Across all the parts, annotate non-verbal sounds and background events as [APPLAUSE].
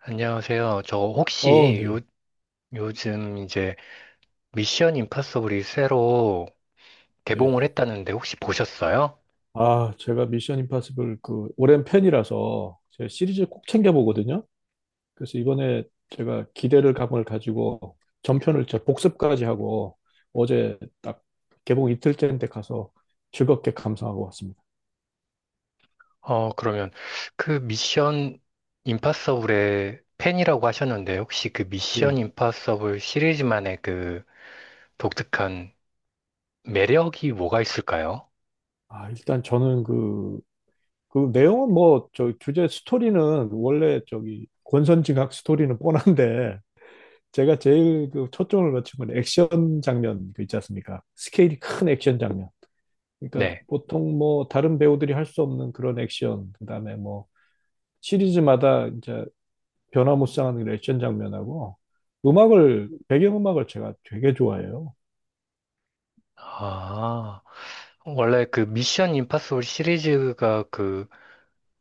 안녕하세요. 저 어, 혹시 요, 네, 요즘 이제 미션 임파서블이 새로 네. 개봉을 했다는데 혹시 보셨어요? 아, 제가 미션 임파서블 그 오랜 팬이라서 제 시리즈 꼭 챙겨 보거든요. 그래서 이번에 제가 기대를 감을 가지고 전편을 제 복습까지 하고 어제 딱 개봉 이틀째인데 가서 즐겁게 감상하고 왔습니다. 그러면 그 미션 임파서블의 팬이라고 하셨는데 혹시 그 미션 예. 임파서블 시리즈만의 그 독특한 매력이 뭐가 있을까요? 아, 일단 저는 그, 내용은 뭐, 저 주제 스토리는 원래 저기 권선징악 스토리는 뻔한데 제가 제일 그 초점을 맞춘 건 액션 장면, 그 있지 않습니까? 스케일이 큰 액션 장면. 그러니까 네. 보통 뭐 다른 배우들이 할 수 없는 그런 액션, 그다음에 뭐 시리즈마다 이제 변화무쌍한 그런 액션 장면하고 음악을 배경음악을 제가 되게 좋아해요. 아, 원래 그 미션 임파서블 시리즈가 그,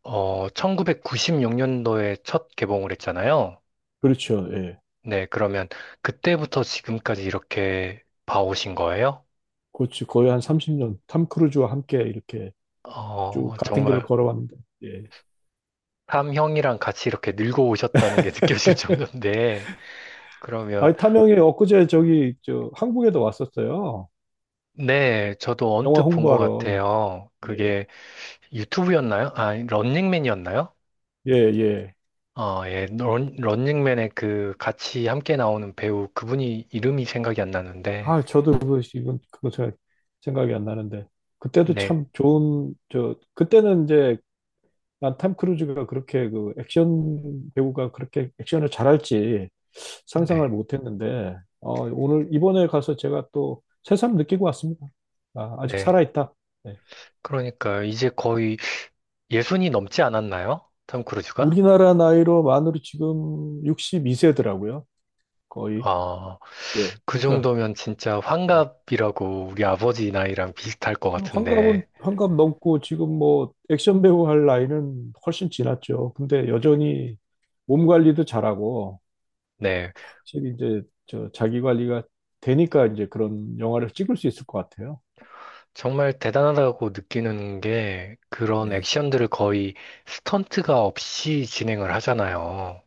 1996년도에 첫 개봉을 했잖아요. 그렇죠. 예. 네, 그러면 그때부터 지금까지 이렇게 봐오신 거예요? 그렇지. 거의 한 30년 탐 크루즈와 함께 이렇게 쭉 같은 길을 정말 걸어왔는데. 예. 삼형이랑 같이 이렇게 늙어오셨다는 게 [LAUGHS] 느껴질 정도인데, 그러면, 아니 탐영이 엊그제 저기 저 한국에도 왔었어요. 네, 저도 영화 언뜻 본 것 홍보하러. 같아요. 예. 그게 유튜브였나요? 아, 런닝맨이었나요? 예, 예. 예, 런닝맨의 그 같이 함께 나오는 배우 그분이 이름이 생각이 안 나는데, 아, 저도 그 이건 그거 제가 생각이 안 나는데 그때도 네, 참 좋은 저 그때는 이제 난 탐 크루즈가 그렇게 그 액션 배우가 그렇게 액션을 잘할지 상상을 네, 못했는데 오늘 이번에 가서 제가 또 새삼 느끼고 왔습니다. 아, 아직 네. 살아있다. 네. 그러니까 이제 거의 예순이 넘지 않았나요? 톰 크루즈가? 우리나라 나이로 만으로 지금 62세더라고요. 거의. 아, 예. 그 그러니까 정도면 진짜 예. 환갑이라고 우리 아버지 나이랑 비슷할 것 그 환갑은 같은데, 환갑 넘고 지금 뭐 액션 배우 할 나이는 훨씬 지났죠. 근데 여전히 몸 관리도 잘하고 네, 확실히 이제 저 자기 관리가 되니까 이제 그런 영화를 찍을 수 있을 것 같아요. 정말 대단하다고 느끼는 게 그런 예. 액션들을 거의 스턴트가 없이 진행을 하잖아요.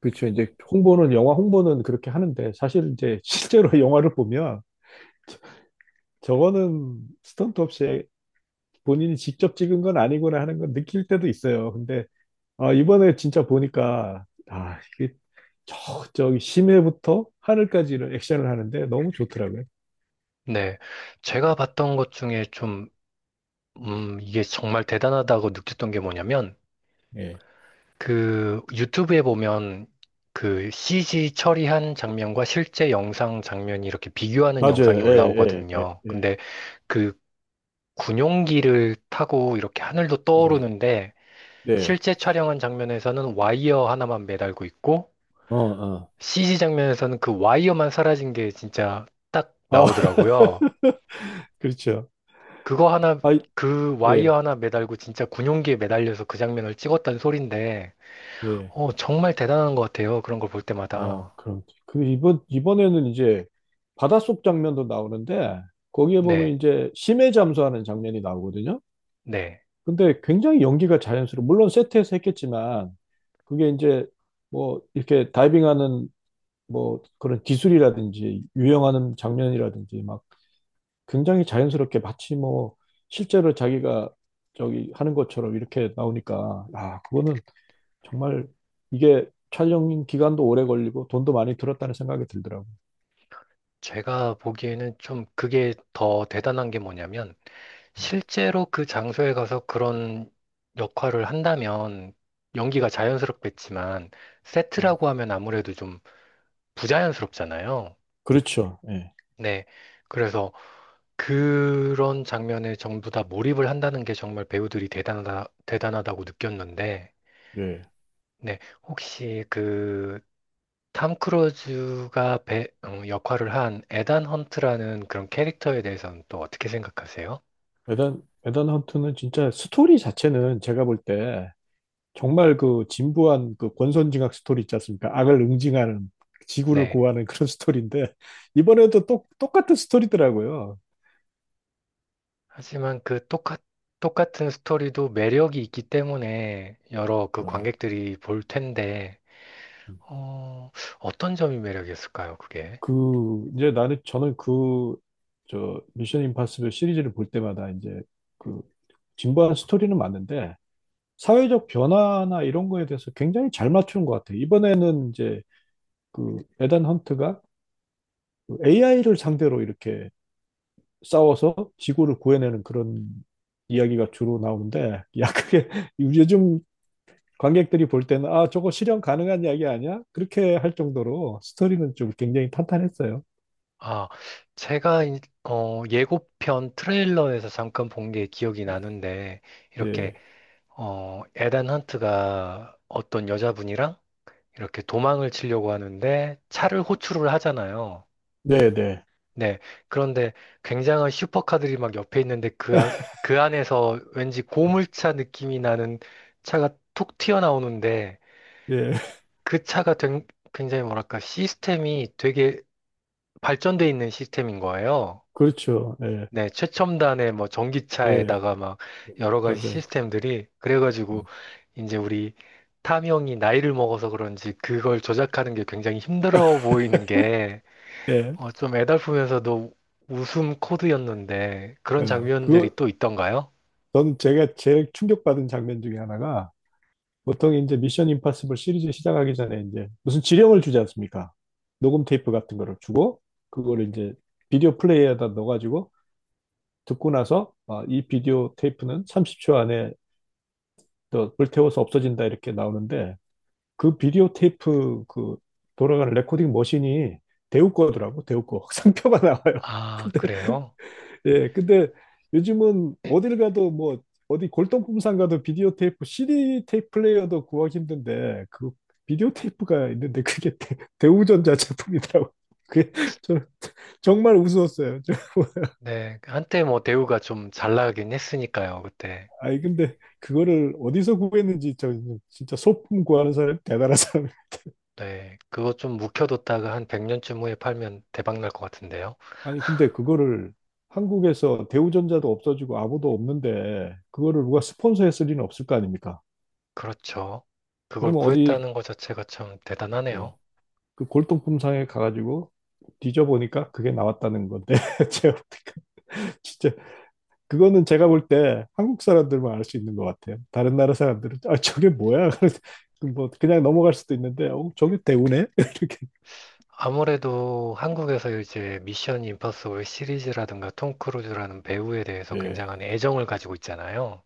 그렇죠. 이제 홍보는 영화 홍보는 그렇게 하는데 사실 이제 실제로 [LAUGHS] 영화를 보면 저거는 스턴트 없이 본인이 직접 찍은 건 아니구나 하는 건 느낄 때도 있어요. 근데 아, 이번에 진짜 보니까 아, 이게 저 저기 심해부터 하늘까지는 액션을 하는데 너무 좋더라고요. 네, 제가 봤던 것 중에 좀, 이게 정말 대단하다고 느꼈던 게 뭐냐면, 예. 그 유튜브에 보면 그 CG 처리한 장면과 실제 영상 장면이 이렇게 비교하는 영상이 맞아요. 예, 예, 예, 올라오거든요. 예. 근데 그 군용기를 타고 이렇게 하늘도 네. 떠오르는데 네. 실제 촬영한 장면에서는 와이어 하나만 매달고 있고 어, 어. CG 장면에서는 그 와이어만 사라진 게 진짜 딱 아, [LAUGHS] 나오더라고요. 그렇죠. 그거 하나, 아, 그 예. 와이어 하나 매달고 진짜 군용기에 매달려서 그 장면을 찍었다는 소린데, 네. 정말 대단한 것 같아요. 그런 걸 볼 어, 때마다. 그럼. 그 이번에는 이제 바닷속 장면도 나오는데 거기에 보면 네, 이제 심해 잠수하는 장면이 나오거든요. 네. 근데 굉장히 연기가 자연스러워. 물론 세트에서 했겠지만 그게 이제 뭐 이렇게 다이빙하는 뭐 그런 기술이라든지 유영하는 장면이라든지 막 굉장히 자연스럽게 마치 뭐 실제로 자기가 저기 하는 것처럼 이렇게 나오니까 아, 그거는 정말 이게 촬영 기간도 오래 걸리고 돈도 많이 들었다는 생각이 들더라고요. 제가 보기에는 좀 그게 더 대단한 게 뭐냐면, 실제로 그 장소에 가서 그런 역할을 한다면 연기가 자연스럽겠지만 음. 세트라고 하면 아무래도 좀 부자연스럽잖아요. 그렇죠. 예. 네. 그래서 그런 장면에 전부 다 몰입을 한다는 게 정말 배우들이 대단하다, 대단하다고 느꼈는데, 예. 네. 혹시 그 탐 크루즈가 역할을 한 에단 헌트라는 그런 캐릭터에 대해서는 또 어떻게 생각하세요? 에단 헌트는 진짜 스토리 자체는 제가 볼 때 정말 그 진부한 그 권선징악 스토리 있지 않습니까? 악을 응징하는 지구를 네. 구하는 그런 스토리인데 이번에도 똑같은 스토리더라고요. 하지만 그 똑같은 스토리도 매력이 있기 때문에 여러 그 음. 관객들이 볼 텐데, 어, 어떤 점이 매력이었을까요, 그게? 그 이제 나는 저는 그 저 미션 임파서블 시리즈를 볼 때마다 이제 그 진부한 스토리는 맞는데 사회적 변화나 이런 거에 대해서 굉장히 잘 맞추는 것 같아요. 이번에는 이제 그 에단 헌트가 AI를 상대로 이렇게 싸워서 지구를 구해내는 그런 이야기가 주로 나오는데, 야, 그게 [LAUGHS] 요즘 관객들이 볼 때는 아, 저거 실현 가능한 이야기 아니야? 그렇게 할 정도로 스토리는 좀 굉장히 탄탄했어요. 아, 제가, 예고편 트레일러에서 잠깐 본 게 기억이 나는데, 이렇게, 네, 어, 에단 헌트가 어떤 여자분이랑 이렇게 도망을 치려고 하는데 차를 호출을 하잖아요. 네, 네. 네. 그런데 굉장한 슈퍼카들이 막 옆에 있는데 그, 그 안에서 왠지 고물차 느낌이 나는 차가 툭 튀어나오는데 예, [LAUGHS] 그 차가 굉장히 뭐랄까 시스템이 되게 발전돼 있는 시스템인 거예요. 그렇죠. 예, 네. 최첨단의 뭐 예, 전기차에다가 막 여러 가지 맞아요. 시스템들이 그래가지고 이제 우리 탐형이 나이를 먹어서 그런지 그걸 조작하는 게 굉장히 힘들어 보이는 게 네, 좀 애달프면서도 웃음 코드였는데 그런 어, 장면들이 그, 또 있던가요? 전 제가 제일 충격받은 장면 중에 하나가 보통 이제 미션 임파서블 시리즈 시작하기 전에 이제 무슨 지령을 주지 않습니까? 녹음 테이프 같은 거를 주고 그거를 이제 비디오 플레이어에다 넣어가지고 듣고 나서 아, 이 비디오 테이프는 30초 안에 또 불태워서 없어진다 이렇게 나오는데 그 비디오 테이프 그 돌아가는 레코딩 머신이 데우 거더라고, 데우 거 [LAUGHS] 상표가 나와요. 아, 그래요? 예, 근데 요즘은 어딜 가도 뭐 어디 골동품상 가도 비디오 테이프, CD 테이프 플레이어도 구하기 힘든데 그 비디오 테이프가 있는데 그게 대우전자 제품이더라고. [LAUGHS] 그게 저 정말 우스웠어요. 저, [LAUGHS] 네, 한때 뭐 대우가 좀 잘 나가긴 했으니까요, 그때. 아니 근데 그거를 어디서 구했는지 저 진짜 소품 구하는 사람 대단한 사람. [LAUGHS] 네, 그거 좀 묵혀뒀다가 한 100년쯤 후에 팔면 대박 날 것 같은데요. 아니 근데 그거를 한국에서 대우전자도 없어지고 아무도 없는데 그거를 누가 스폰서했을 리는 없을 거 아닙니까? 그렇죠. 그걸 그러면 어디 구했다는 것 자체가 참 대단하네요. 예, 그 골동품상에 가가지고 뒤져보니까 그게 나왔다는 건데 [LAUGHS] 제가 보니까 진짜 그거는 제가 볼 때 한국 사람들만 알 수 있는 것 같아요. 다른 나라 사람들은 아, 저게 뭐야? [LAUGHS] 그래서 뭐 그냥 넘어갈 수도 있는데 어, 저게 대우네? [LAUGHS] 이렇게 아무래도 한국에서 이제 미션 임파서블 시리즈라든가 톰 크루즈라는 배우에 대해서 예, 굉장한 애정을 가지고 있잖아요.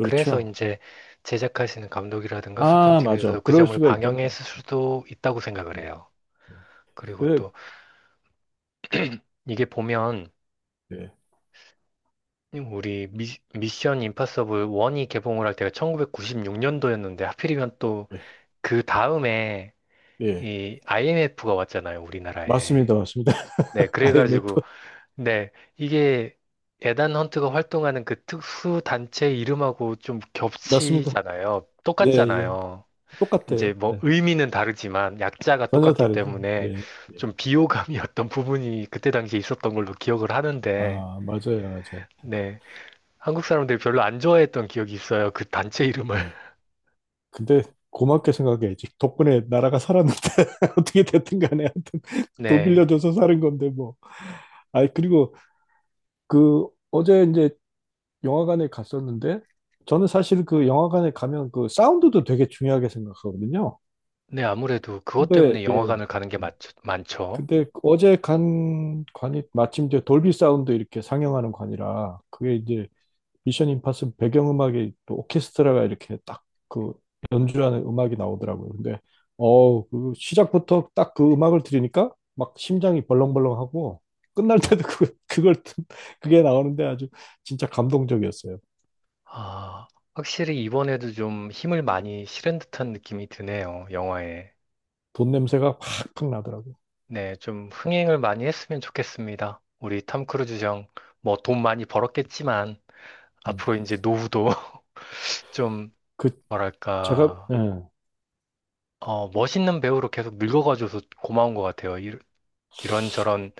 그래서 이제 제작하시는 감독이라든가 아, 맞아, 소품팀에서도 그 그럴 점을 수가 있겠다. 방영했을 수도 있다고 생각을 예. 해요. 예. 그리고 그래 또 이게 보면 예. 우리 미션 임파서블 1이 개봉을 할 때가 1996년도였는데 하필이면 또 예. 그 다음에 예. 이 IMF가 왔잖아요, 우리나라에. 맞습니다, 맞습니다. 네, [LAUGHS] 그래가지고 IMF 네, 이게 에단 헌트가 활동하는 그 특수 단체 이름하고 좀 맞습니다. 겹치잖아요. 예, 예. 똑같잖아요. 이제 똑같아요. 뭐 네. 의미는 다르지만 약자가 전혀 똑같기 다르죠. 때문에 예. 예. 좀 비호감이었던 부분이 그때 당시에 있었던 걸로 기억을 하는데, 아, 맞아요, 맞아요. 네. 한국 사람들이 별로 안 좋아했던 기억이 있어요. 그 단체 이름을. 예. [LAUGHS] 근데 고맙게 생각해야지. 덕분에 나라가 살았는데 [LAUGHS] 어떻게 됐든 간에 하여튼 돈 네. 빌려줘서 사는 건데 뭐. 아이, 그리고 그 어제 이제 영화관에 갔었는데 저는 사실 그 영화관에 가면 그 사운드도 되게 중요하게 생각하거든요. 네, 아무래도 그것 근데 때문에 예. 영화관을 가는 게 많죠. 근데 어제 간 관이 마침 이제 돌비 사운드 이렇게 상영하는 관이라 그게 이제 미션 임파서블 배경음악이 또 오케스트라가 이렇게 딱 그 연주하는 음악이 나오더라고요. 근데 어우 그 시작부터 딱 그 음악을 들으니까 막 심장이 벌렁벌렁하고 끝날 때도 그게 나오는데 아주 진짜 감동적이었어요. 아, 확실히 이번에도 좀 힘을 많이 실은 듯한 느낌이 드네요. 영화에. 돈 냄새가 팍팍 나더라고요. 네, 좀 흥행을 많이 했으면 좋겠습니다. 우리 탐 크루즈 형, 뭐 돈 많이 벌었겠지만, 음. 앞으로 이제 노후도 [LAUGHS] 좀 그 제가 뭐랄까, 예, 멋있는 배우로 계속 늙어가줘서 고마운 것 같아요. 이, 런저런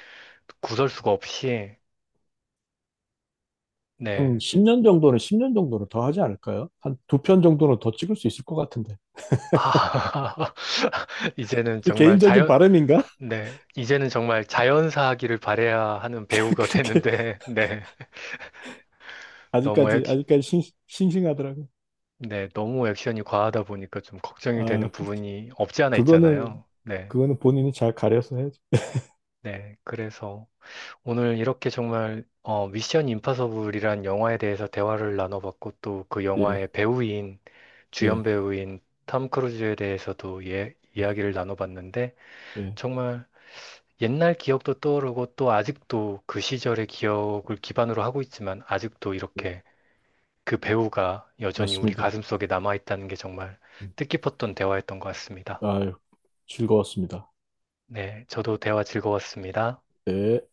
구설수가 없이, 한 네. 10년 정도는 10년 정도는 더 하지 않을까요? 한 두 편 정도는 더 찍을 수 있을 것 같은데. 아, [LAUGHS] 이제는 정말 개인적인 자연, 바람인가? 네. 이제는 정말 자연사하기를 바래야 하는 [LAUGHS] 배우가 그렇게 되는데, [LAUGHS] 네. 너무 아직까지 액, 아직까지 싱, 싱하더라고요. 네. 너무 액션이 과하다 보니까 좀 걱정이 아, 되는 그, 부분이 없지 않아 그거는 있잖아요. 네. 그거는 본인이 잘 가려서 해야죠. 네. 그래서. 오늘 이렇게 정말 미션 임파서블이란 영화에 대해서 대화를 나눠봤고 또 그 예, 영화의 배우인 주연 네, 배우인 탐 크루즈에 대해서도 예, 네, 이야기를 나눠봤는데 네, 정말 옛날 기억도 떠오르고 또 아직도 그 시절의 기억을 기반으로 하고 있지만 아직도 네. 이렇게 그 배우가 여전히 우리 맞습니다. 가슴속에 남아있다는 게 정말 음, 뜻깊었던 대화였던 것 같습니다. 아유, 즐거웠습니다. 네, 저도 대화 즐거웠습니다. 네.